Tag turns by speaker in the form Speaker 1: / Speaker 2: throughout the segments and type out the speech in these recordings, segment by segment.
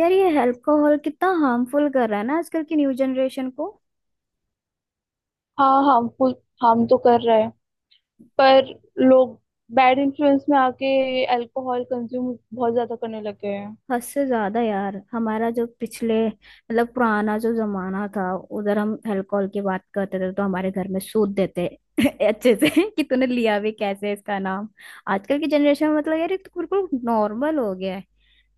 Speaker 1: यार ये अल्कोहल कितना हार्मफुल कर रहा है ना आजकल की न्यू जनरेशन को।
Speaker 2: हाँ, हार्मफुल। हार्म तो कर रहा है, पर लोग बैड इन्फ्लुएंस में आके अल्कोहल कंज्यूम बहुत ज्यादा करने लग गए हैं।
Speaker 1: हद से ज्यादा यार। हमारा जो पिछले मतलब पुराना जो जमाना था उधर हम अल्कोहल की बात करते थे तो हमारे घर में सूद देते अच्छे से कि तूने लिया भी कैसे इसका नाम। आजकल की जनरेशन में मतलब यार ये तो बिल्कुल नॉर्मल हो गया है।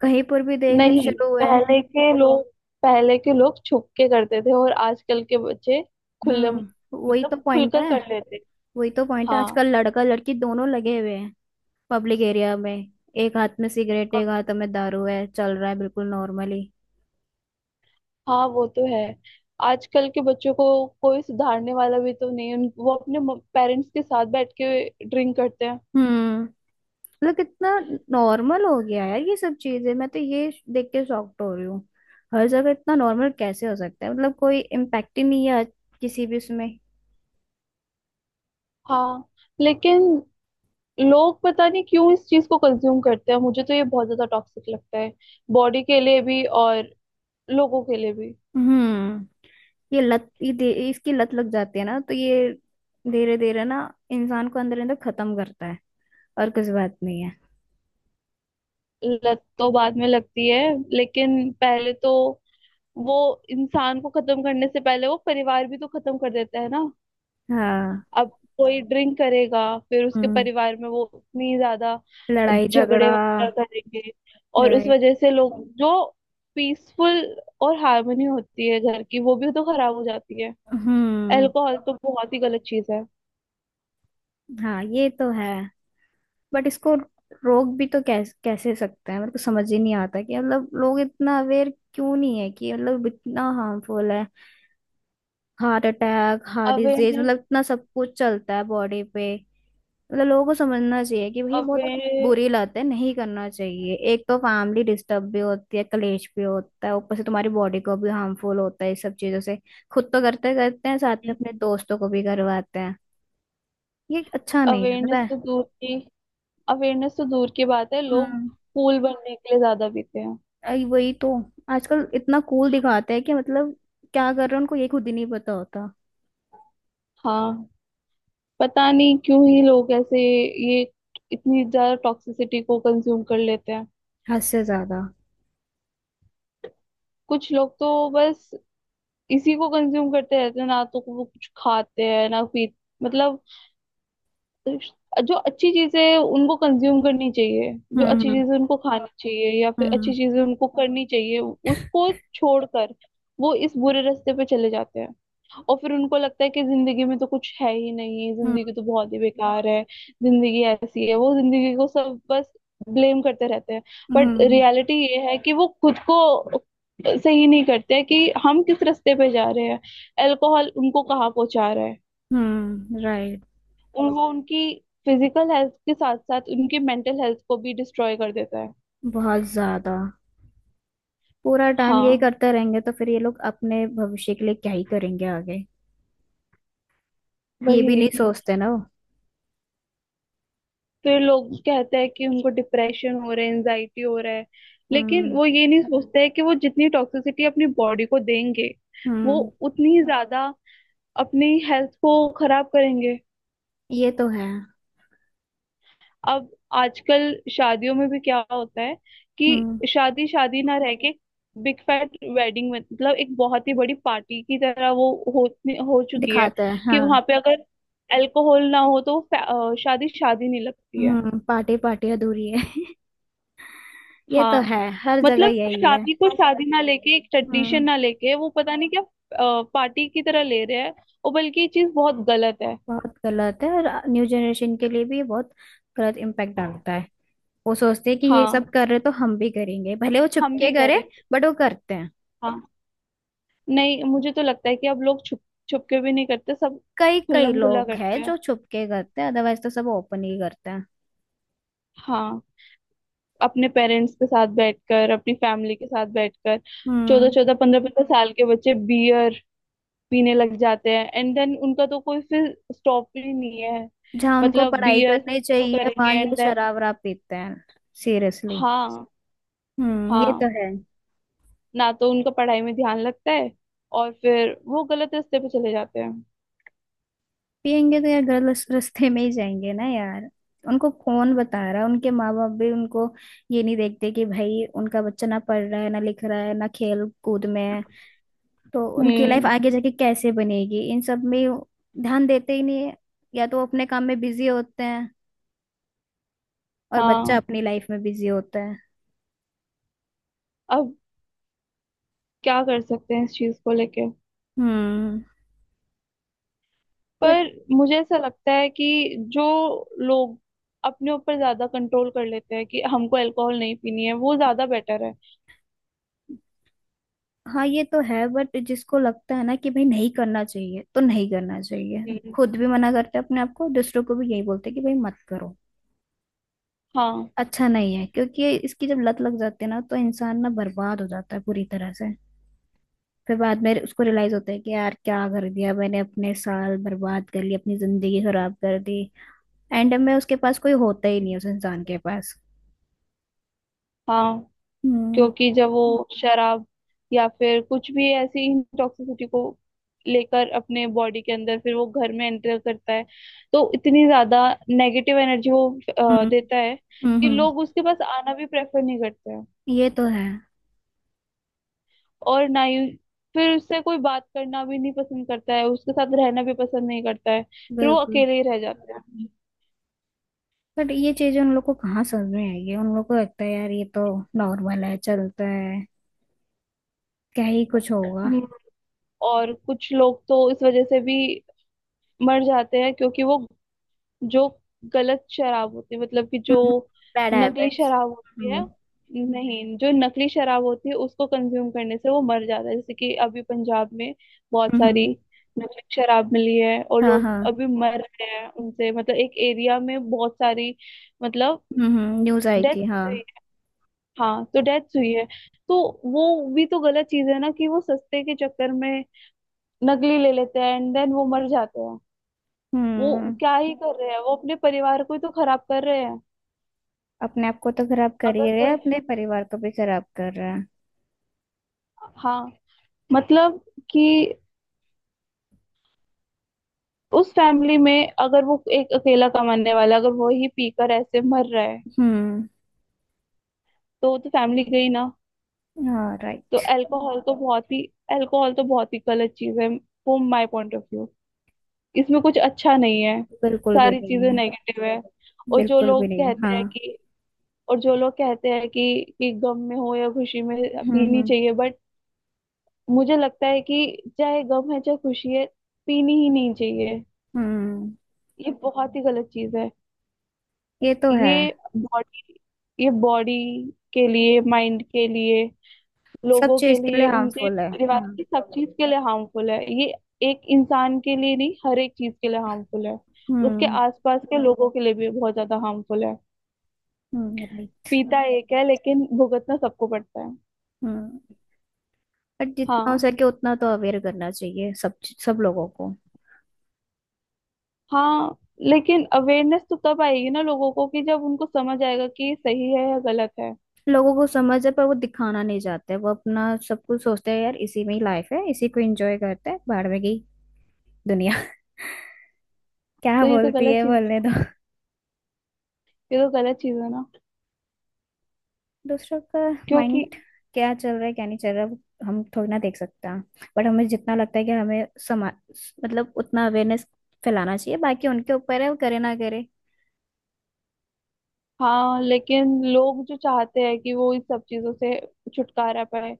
Speaker 1: कहीं पर भी देख रहे
Speaker 2: नहीं,
Speaker 1: शुरू हुआ है।
Speaker 2: पहले के लोग पहले के लोग छुप के करते थे, और आजकल के बच्चे खुले
Speaker 1: हम्म। वही
Speaker 2: मतलब
Speaker 1: तो पॉइंट
Speaker 2: खुलकर
Speaker 1: है।
Speaker 2: कर लेते हैं।
Speaker 1: वही तो पॉइंट है,
Speaker 2: हाँ,
Speaker 1: आजकल लड़का लड़की दोनों लगे हुए हैं। पब्लिक एरिया में एक हाथ में सिगरेट एक हाथ में दारू है चल रहा है बिल्कुल नॉर्मली।
Speaker 2: हाँ, वो तो है। आजकल के बच्चों को कोई सुधारने वाला भी तो नहीं है। वो अपने पेरेंट्स के साथ बैठ के ड्रिंक करते हैं।
Speaker 1: हम्म। मतलब कितना नॉर्मल हो गया है यार ये सब चीजें। मैं तो ये देख के शॉक्ड हो रही हूँ। हर जगह इतना नॉर्मल कैसे हो सकता है मतलब कोई इम्पैक्ट ही नहीं है किसी भी उसमें।
Speaker 2: हाँ, लेकिन लोग पता नहीं क्यों इस चीज को कंज्यूम करते हैं। मुझे तो ये बहुत ज्यादा टॉक्सिक लगता है, बॉडी के लिए भी और लोगों के लिए भी।
Speaker 1: हम्म। ये लत इसकी लत लग जाती है ना तो ये धीरे धीरे ना इंसान को अंदर अंदर खत्म करता है। और कुछ बात नहीं है।
Speaker 2: लत तो बाद में लगती है, लेकिन पहले तो वो, इंसान को खत्म करने से पहले वो परिवार भी तो खत्म कर देता है ना।
Speaker 1: हाँ।
Speaker 2: अब कोई ड्रिंक करेगा, फिर उसके
Speaker 1: हम्म।
Speaker 2: परिवार में वो उतनी ज्यादा
Speaker 1: लड़ाई
Speaker 2: झगड़े
Speaker 1: झगड़ा।
Speaker 2: वगैरह करेंगे, और उस
Speaker 1: राइट।
Speaker 2: वजह से लोग, जो पीसफुल और हार्मनी होती है घर की, वो भी तो खराब हो जाती है।
Speaker 1: हम्म।
Speaker 2: अल्कोहल तो बहुत ही गलत चीज है।
Speaker 1: हाँ ये तो है। बट इसको रोक भी तो कैसे कैसे सकते हैं? मेरे को समझ ही नहीं आता कि मतलब लोग इतना अवेयर क्यों नहीं है कि मतलब इतना हार्मफुल है। Heart attack, heart disease,
Speaker 2: awareness
Speaker 1: मतलब इतना सब कुछ चलता है बॉडी पे। मतलब लोगों को समझना चाहिए कि भाई बहुत
Speaker 2: अवेयर
Speaker 1: बुरी लत है, नहीं करना चाहिए। एक तो फैमिली डिस्टर्ब भी होती है, कलेश भी होता है, ऊपर से तुम्हारी बॉडी को भी हार्मफुल होता है इस सब चीजों से। खुद तो करते करते हैं, साथ में अपने दोस्तों को भी करवाते हैं। ये अच्छा नहीं है, पता
Speaker 2: अवेयरनेस
Speaker 1: है।
Speaker 2: तो दूर की अवेयरनेस तो दूर की बात है, लोग
Speaker 1: हम्म।
Speaker 2: फूल बनने के लिए ज्यादा पीते हैं।
Speaker 1: आई वही तो। आजकल इतना कूल दिखाते हैं कि मतलब क्या कर रहे हैं उनको ये खुद ही नहीं पता होता।
Speaker 2: हाँ, पता नहीं क्यों ही लोग ऐसे, ये इतनी ज्यादा टॉक्सिसिटी को कंज्यूम कर लेते हैं।
Speaker 1: हद से ज्यादा।
Speaker 2: कुछ लोग तो बस इसी को कंज्यूम करते रहते हैं, ना तो वो कुछ खाते हैं, ना पी, मतलब जो अच्छी चीजें उनको कंज्यूम करनी चाहिए, जो अच्छी
Speaker 1: हम्म।
Speaker 2: चीजें उनको खानी चाहिए, या फिर अच्छी
Speaker 1: हम्म।
Speaker 2: चीजें उनको करनी चाहिए, उसको छोड़कर वो इस बुरे रास्ते पे चले जाते हैं। और फिर उनको लगता है कि जिंदगी में तो कुछ है ही नहीं,
Speaker 1: हम्म।
Speaker 2: जिंदगी तो बहुत ही बेकार है, जिंदगी ऐसी है। वो जिंदगी को सब बस ब्लेम करते रहते हैं। But
Speaker 1: hmm.
Speaker 2: रियलिटी ये है कि वो खुद को सही नहीं करते कि हम किस रास्ते पे जा रहे हैं, अल्कोहल उनको कहाँ पहुंचा रहा है।
Speaker 1: राइट।
Speaker 2: उन वो उनकी फिजिकल हेल्थ के साथ साथ उनकी मेंटल हेल्थ को भी डिस्ट्रॉय कर देता है।
Speaker 1: बहुत ज्यादा। पूरा टाइम यही
Speaker 2: हाँ,
Speaker 1: करते रहेंगे तो फिर ये लोग अपने भविष्य के लिए क्या ही करेंगे आगे? ये भी
Speaker 2: वही।
Speaker 1: नहीं सोचते ना वो।
Speaker 2: फिर लोग कहते हैं कि उनको डिप्रेशन हो रहा है, एनजाइटी हो रहा है। लेकिन
Speaker 1: हम्म।
Speaker 2: वो ये नहीं सोचते हैं कि वो जितनी टॉक्सिसिटी अपनी बॉडी को देंगे, वो
Speaker 1: हम्म।
Speaker 2: उतनी ही ज्यादा अपनी हेल्थ को खराब करेंगे।
Speaker 1: ये तो है।
Speaker 2: अब आजकल शादियों में भी क्या होता है कि
Speaker 1: हम्म।
Speaker 2: शादी शादी ना रह के, बिग फैट वेडिंग, मतलब एक बहुत ही बड़ी पार्टी की तरह वो हो हो चुकी है।
Speaker 1: दिखाते हैं
Speaker 2: कि वहां
Speaker 1: हाँ।
Speaker 2: पे अगर अल्कोहल ना हो तो शादी शादी नहीं लगती है।
Speaker 1: पार्टी पार्टी अधूरी है। ये तो
Speaker 2: हाँ,
Speaker 1: है हर जगह
Speaker 2: मतलब
Speaker 1: यही है।
Speaker 2: शादी को शादी ना लेके, एक ट्रेडिशन
Speaker 1: हम्म।
Speaker 2: ना लेके, वो पता नहीं क्या पार्टी की तरह ले रहे हैं। और बल्कि ये चीज बहुत गलत है।
Speaker 1: बहुत गलत है और न्यू जनरेशन के लिए भी ये बहुत गलत इम्पैक्ट डालता है। वो सोचते हैं कि ये
Speaker 2: हाँ,
Speaker 1: सब कर रहे तो हम भी करेंगे, भले वो
Speaker 2: हम
Speaker 1: छुपके
Speaker 2: भी
Speaker 1: करे।
Speaker 2: करें।
Speaker 1: बट वो करते हैं।
Speaker 2: हाँ। नहीं, मुझे तो लगता है कि अब लोग छुप छुप के भी नहीं करते, सब
Speaker 1: कई कई
Speaker 2: खुल्लम खुल्ला
Speaker 1: लोग
Speaker 2: करते
Speaker 1: हैं
Speaker 2: हैं।
Speaker 1: जो छुपके करते हैं, अदरवाइज तो सब ओपन ही करते हैं।
Speaker 2: हाँ, अपने पेरेंट्स के साथ बैठकर, अपनी फैमिली के साथ बैठकर, चौदह
Speaker 1: हम्म।
Speaker 2: चौदह पंद्रह पंद्रह साल के बच्चे बियर पीने लग जाते हैं, एंड देन उनका तो कोई फिर स्टॉप ही नहीं है।
Speaker 1: जहाँ उनको
Speaker 2: मतलब
Speaker 1: पढ़ाई
Speaker 2: बियर से
Speaker 1: करनी
Speaker 2: शुरू
Speaker 1: चाहिए वहाँ
Speaker 2: करेंगे
Speaker 1: ये
Speaker 2: एंड देन।
Speaker 1: शराब वराब पीते हैं। सीरियसली।
Speaker 2: हाँ।
Speaker 1: ये तो
Speaker 2: हाँ,
Speaker 1: है।
Speaker 2: ना तो उनका पढ़ाई में ध्यान लगता है, और फिर वो गलत रास्ते पे चले जाते हैं।
Speaker 1: पियेंगे तो यार गलत रास्ते में ही जाएंगे ना यार। उनको कौन बता रहा है? उनके माँ बाप भी उनको ये नहीं देखते कि भाई उनका बच्चा ना पढ़ रहा है ना लिख रहा है ना खेल कूद में है तो उनकी लाइफ
Speaker 2: हम्म।
Speaker 1: आगे जाके कैसे बनेगी इन सब में। ध्यान देते ही नहीं है। या तो वो अपने काम में बिजी होते हैं और बच्चा
Speaker 2: हाँ।
Speaker 1: अपनी लाइफ में बिजी होता है।
Speaker 2: अब क्या कर सकते हैं इस चीज को लेके,
Speaker 1: हम्म। बट।
Speaker 2: पर मुझे ऐसा लगता है कि जो लोग अपने ऊपर ज्यादा कंट्रोल कर लेते हैं कि हमको अल्कोहल नहीं पीनी है, वो ज्यादा बेटर है।
Speaker 1: हाँ ये तो है। बट जिसको लगता है ना कि भाई नहीं करना चाहिए तो नहीं करना चाहिए।
Speaker 2: हम्म।
Speaker 1: खुद भी मना करते हैं अपने आप को, दूसरों को भी यही बोलते हैं कि भाई मत करो।
Speaker 2: हाँ,
Speaker 1: अच्छा नहीं है क्योंकि ये इसकी जब लत लग जाती है ना तो इंसान ना बर्बाद हो जाता है पूरी तरह से। फिर बाद में उसको रियलाइज होता है कि यार क्या कर दिया मैंने, अपने साल बर्बाद कर लिए, अपनी जिंदगी खराब कर दी। एंड में उसके पास कोई होता ही नहीं है, उस इंसान के पास।
Speaker 2: हाँ,
Speaker 1: हम्म।
Speaker 2: क्योंकि जब वो शराब या फिर कुछ भी ऐसी टॉक्सिसिटी को लेकर अपने बॉडी के अंदर, फिर वो घर में एंटर करता है, तो इतनी ज्यादा नेगेटिव एनर्जी वो
Speaker 1: हम्म।
Speaker 2: देता
Speaker 1: हम्म।
Speaker 2: है कि
Speaker 1: हम्म।
Speaker 2: लोग उसके पास आना भी प्रेफर नहीं करते।
Speaker 1: ये तो है।
Speaker 2: और ना ही फिर उससे कोई बात करना भी नहीं पसंद करता है, उसके साथ रहना भी पसंद नहीं करता है, फिर वो
Speaker 1: बिल्कुल।
Speaker 2: अकेले ही रह जाता है।
Speaker 1: बट ये चीजें उन लोग को कहाँ समझ में आएगी? उन लोग को लगता है यार ये तो नॉर्मल है, चलता है। क्या ही कुछ होगा।
Speaker 2: हम्म। और कुछ लोग तो इस वजह से भी मर जाते हैं क्योंकि वो, जो गलत शराब होती है, मतलब कि जो
Speaker 1: बैड
Speaker 2: नकली
Speaker 1: हैबिट्स।
Speaker 2: शराब होती है,
Speaker 1: हम्म।
Speaker 2: नहीं, जो नकली शराब होती है उसको कंज्यूम करने से वो मर जाता है। जैसे कि अभी पंजाब में बहुत सारी
Speaker 1: हम्म।
Speaker 2: नकली शराब मिली है और
Speaker 1: हाँ
Speaker 2: लोग
Speaker 1: हाँ।
Speaker 2: अभी मर रहे हैं उनसे, मतलब एक एरिया में बहुत सारी, मतलब
Speaker 1: न्यूज आई
Speaker 2: डेथ
Speaker 1: थी हाँ।
Speaker 2: हुई है। हाँ, तो डेथ हुई है। तो वो भी तो गलत चीज है ना, कि वो सस्ते के चक्कर में नकली ले लेते हैं एंड देन वो मर जाते हैं। वो
Speaker 1: हम्म।
Speaker 2: क्या ही कर रहे हैं, वो अपने परिवार को ही तो खराब कर रहे हैं।
Speaker 1: अपने आप को तो खराब कर
Speaker 2: अगर
Speaker 1: ही रहे हैं,
Speaker 2: कोई,
Speaker 1: अपने परिवार को भी खराब कर रहा है।
Speaker 2: हाँ, मतलब कि उस फैमिली में अगर वो एक अकेला कमाने वाला, अगर वो ही पीकर ऐसे मर रहा है,
Speaker 1: हम्म।
Speaker 2: तो वो तो फैमिली गई ना।
Speaker 1: हाँ
Speaker 2: तो
Speaker 1: राइट।
Speaker 2: अल्कोहल तो बहुत ही गलत चीज है, from my point of view. इसमें कुछ अच्छा नहीं है,
Speaker 1: बिल्कुल भी
Speaker 2: सारी
Speaker 1: नहीं
Speaker 2: चीजें
Speaker 1: है।
Speaker 2: नेगेटिव है। और जो
Speaker 1: बिल्कुल भी
Speaker 2: लोग
Speaker 1: नहीं
Speaker 2: कहते
Speaker 1: हाँ।
Speaker 2: हैं कि और जो लोग कहते हैं कि गम में हो या खुशी में
Speaker 1: हम्म।
Speaker 2: पीनी
Speaker 1: हम्म।
Speaker 2: चाहिए, बट मुझे लगता है कि चाहे गम है चाहे खुशी है, पीनी ही नहीं चाहिए।
Speaker 1: हम्म,
Speaker 2: ये बहुत ही गलत चीज है।
Speaker 1: ये तो है।
Speaker 2: ये बॉडी ये बॉडी के लिए, माइंड के लिए,
Speaker 1: सब
Speaker 2: लोगों के
Speaker 1: चीज के लिए
Speaker 2: लिए, उनके
Speaker 1: हार्मफुल है।
Speaker 2: परिवार
Speaker 1: हाँ।
Speaker 2: की सब चीज के लिए हार्मफुल है ये। एक इंसान के लिए नहीं, हर एक चीज के लिए हार्मफुल है। उसके
Speaker 1: हम्म।
Speaker 2: आसपास के लोगों के लिए भी बहुत ज्यादा हार्मफुल है।
Speaker 1: राइट।
Speaker 2: पीता एक है, लेकिन भुगतना सबको पड़ता है।
Speaker 1: हम्म। बट जितना हो
Speaker 2: हाँ।
Speaker 1: सके उतना तो अवेयर करना चाहिए सब, सब लोगों को।
Speaker 2: हाँ, लेकिन अवेयरनेस तो तब आएगी ना लोगों को कि जब उनको समझ आएगा कि ये सही है या गलत है।
Speaker 1: लोगों को समझ है पर वो दिखाना नहीं चाहते। वो अपना सब कुछ सोचते हैं यार इसी में ही लाइफ है, इसी को एंजॉय करते हैं, बाहर में गई दुनिया क्या
Speaker 2: तो ये तो
Speaker 1: बोलती
Speaker 2: गलत
Speaker 1: है,
Speaker 2: चीज है,
Speaker 1: बोलने दो।
Speaker 2: ये तो गलत चीज है ना,
Speaker 1: दूसरों का माइंड
Speaker 2: क्योंकि
Speaker 1: क्या चल रहा है क्या नहीं चल रहा है, वो हम थोड़ी ना देख सकता। बट हमें जितना लगता है कि हमें समा मतलब उतना अवेयरनेस फैलाना चाहिए, बाकी उनके ऊपर है वो करे ना करे।
Speaker 2: हाँ। लेकिन लोग जो चाहते हैं कि वो इन सब चीजों से छुटकारा पाए,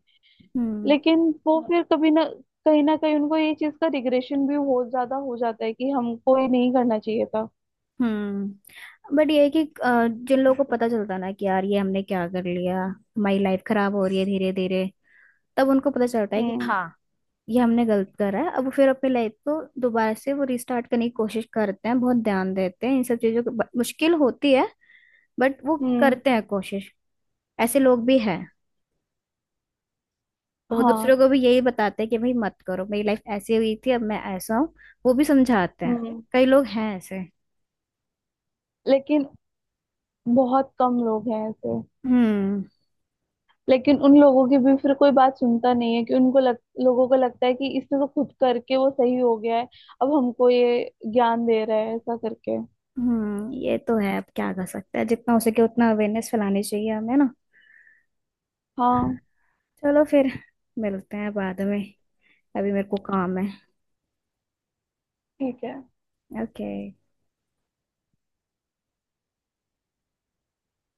Speaker 1: हम्म।
Speaker 2: लेकिन वो फिर कभी ना, कहीं ना कहीं उनको ये चीज का रिग्रेशन भी बहुत ज्यादा हो जाता है कि हमको ये नहीं करना चाहिए था।
Speaker 1: हम्म। बट ये है कि जिन लोगों को पता चलता है ना कि यार ये हमने क्या कर लिया हमारी लाइफ खराब हो रही है धीरे धीरे, तब उनको पता चलता है कि
Speaker 2: हम्म।
Speaker 1: हाँ। ये हमने गलत करा है, अब फिर अपनी लाइफ को दोबारा से वो रिस्टार्ट करने की कोशिश करते हैं, बहुत ध्यान देते हैं इन सब चीजों की, मुश्किल होती है। बट वो
Speaker 2: हम्म।
Speaker 1: करते हैं कोशिश। ऐसे लोग भी हैं। और वो
Speaker 2: हाँ।
Speaker 1: दूसरों को भी यही बताते हैं कि भाई मत करो, मेरी लाइफ ऐसी हुई थी अब मैं ऐसा हूँ। वो भी समझाते हैं।
Speaker 2: हम्म।
Speaker 1: कई लोग हैं ऐसे।
Speaker 2: लेकिन बहुत कम लोग हैं ऐसे।
Speaker 1: हम्म।
Speaker 2: लेकिन उन लोगों की भी फिर कोई बात सुनता नहीं है कि उनको लोगों को लगता है कि इसने तो खुद करके वो सही हो गया है, अब हमको ये ज्ञान दे रहा है ऐसा करके।
Speaker 1: हम्म। ये तो है। अब क्या कर सकते हैं? जितना हो सके उतना अवेयरनेस फैलानी चाहिए हमें ना।
Speaker 2: हाँ,
Speaker 1: चलो फिर। मिलते हैं बाद में, अभी मेरे को काम है।
Speaker 2: ठीक है।
Speaker 1: ओके।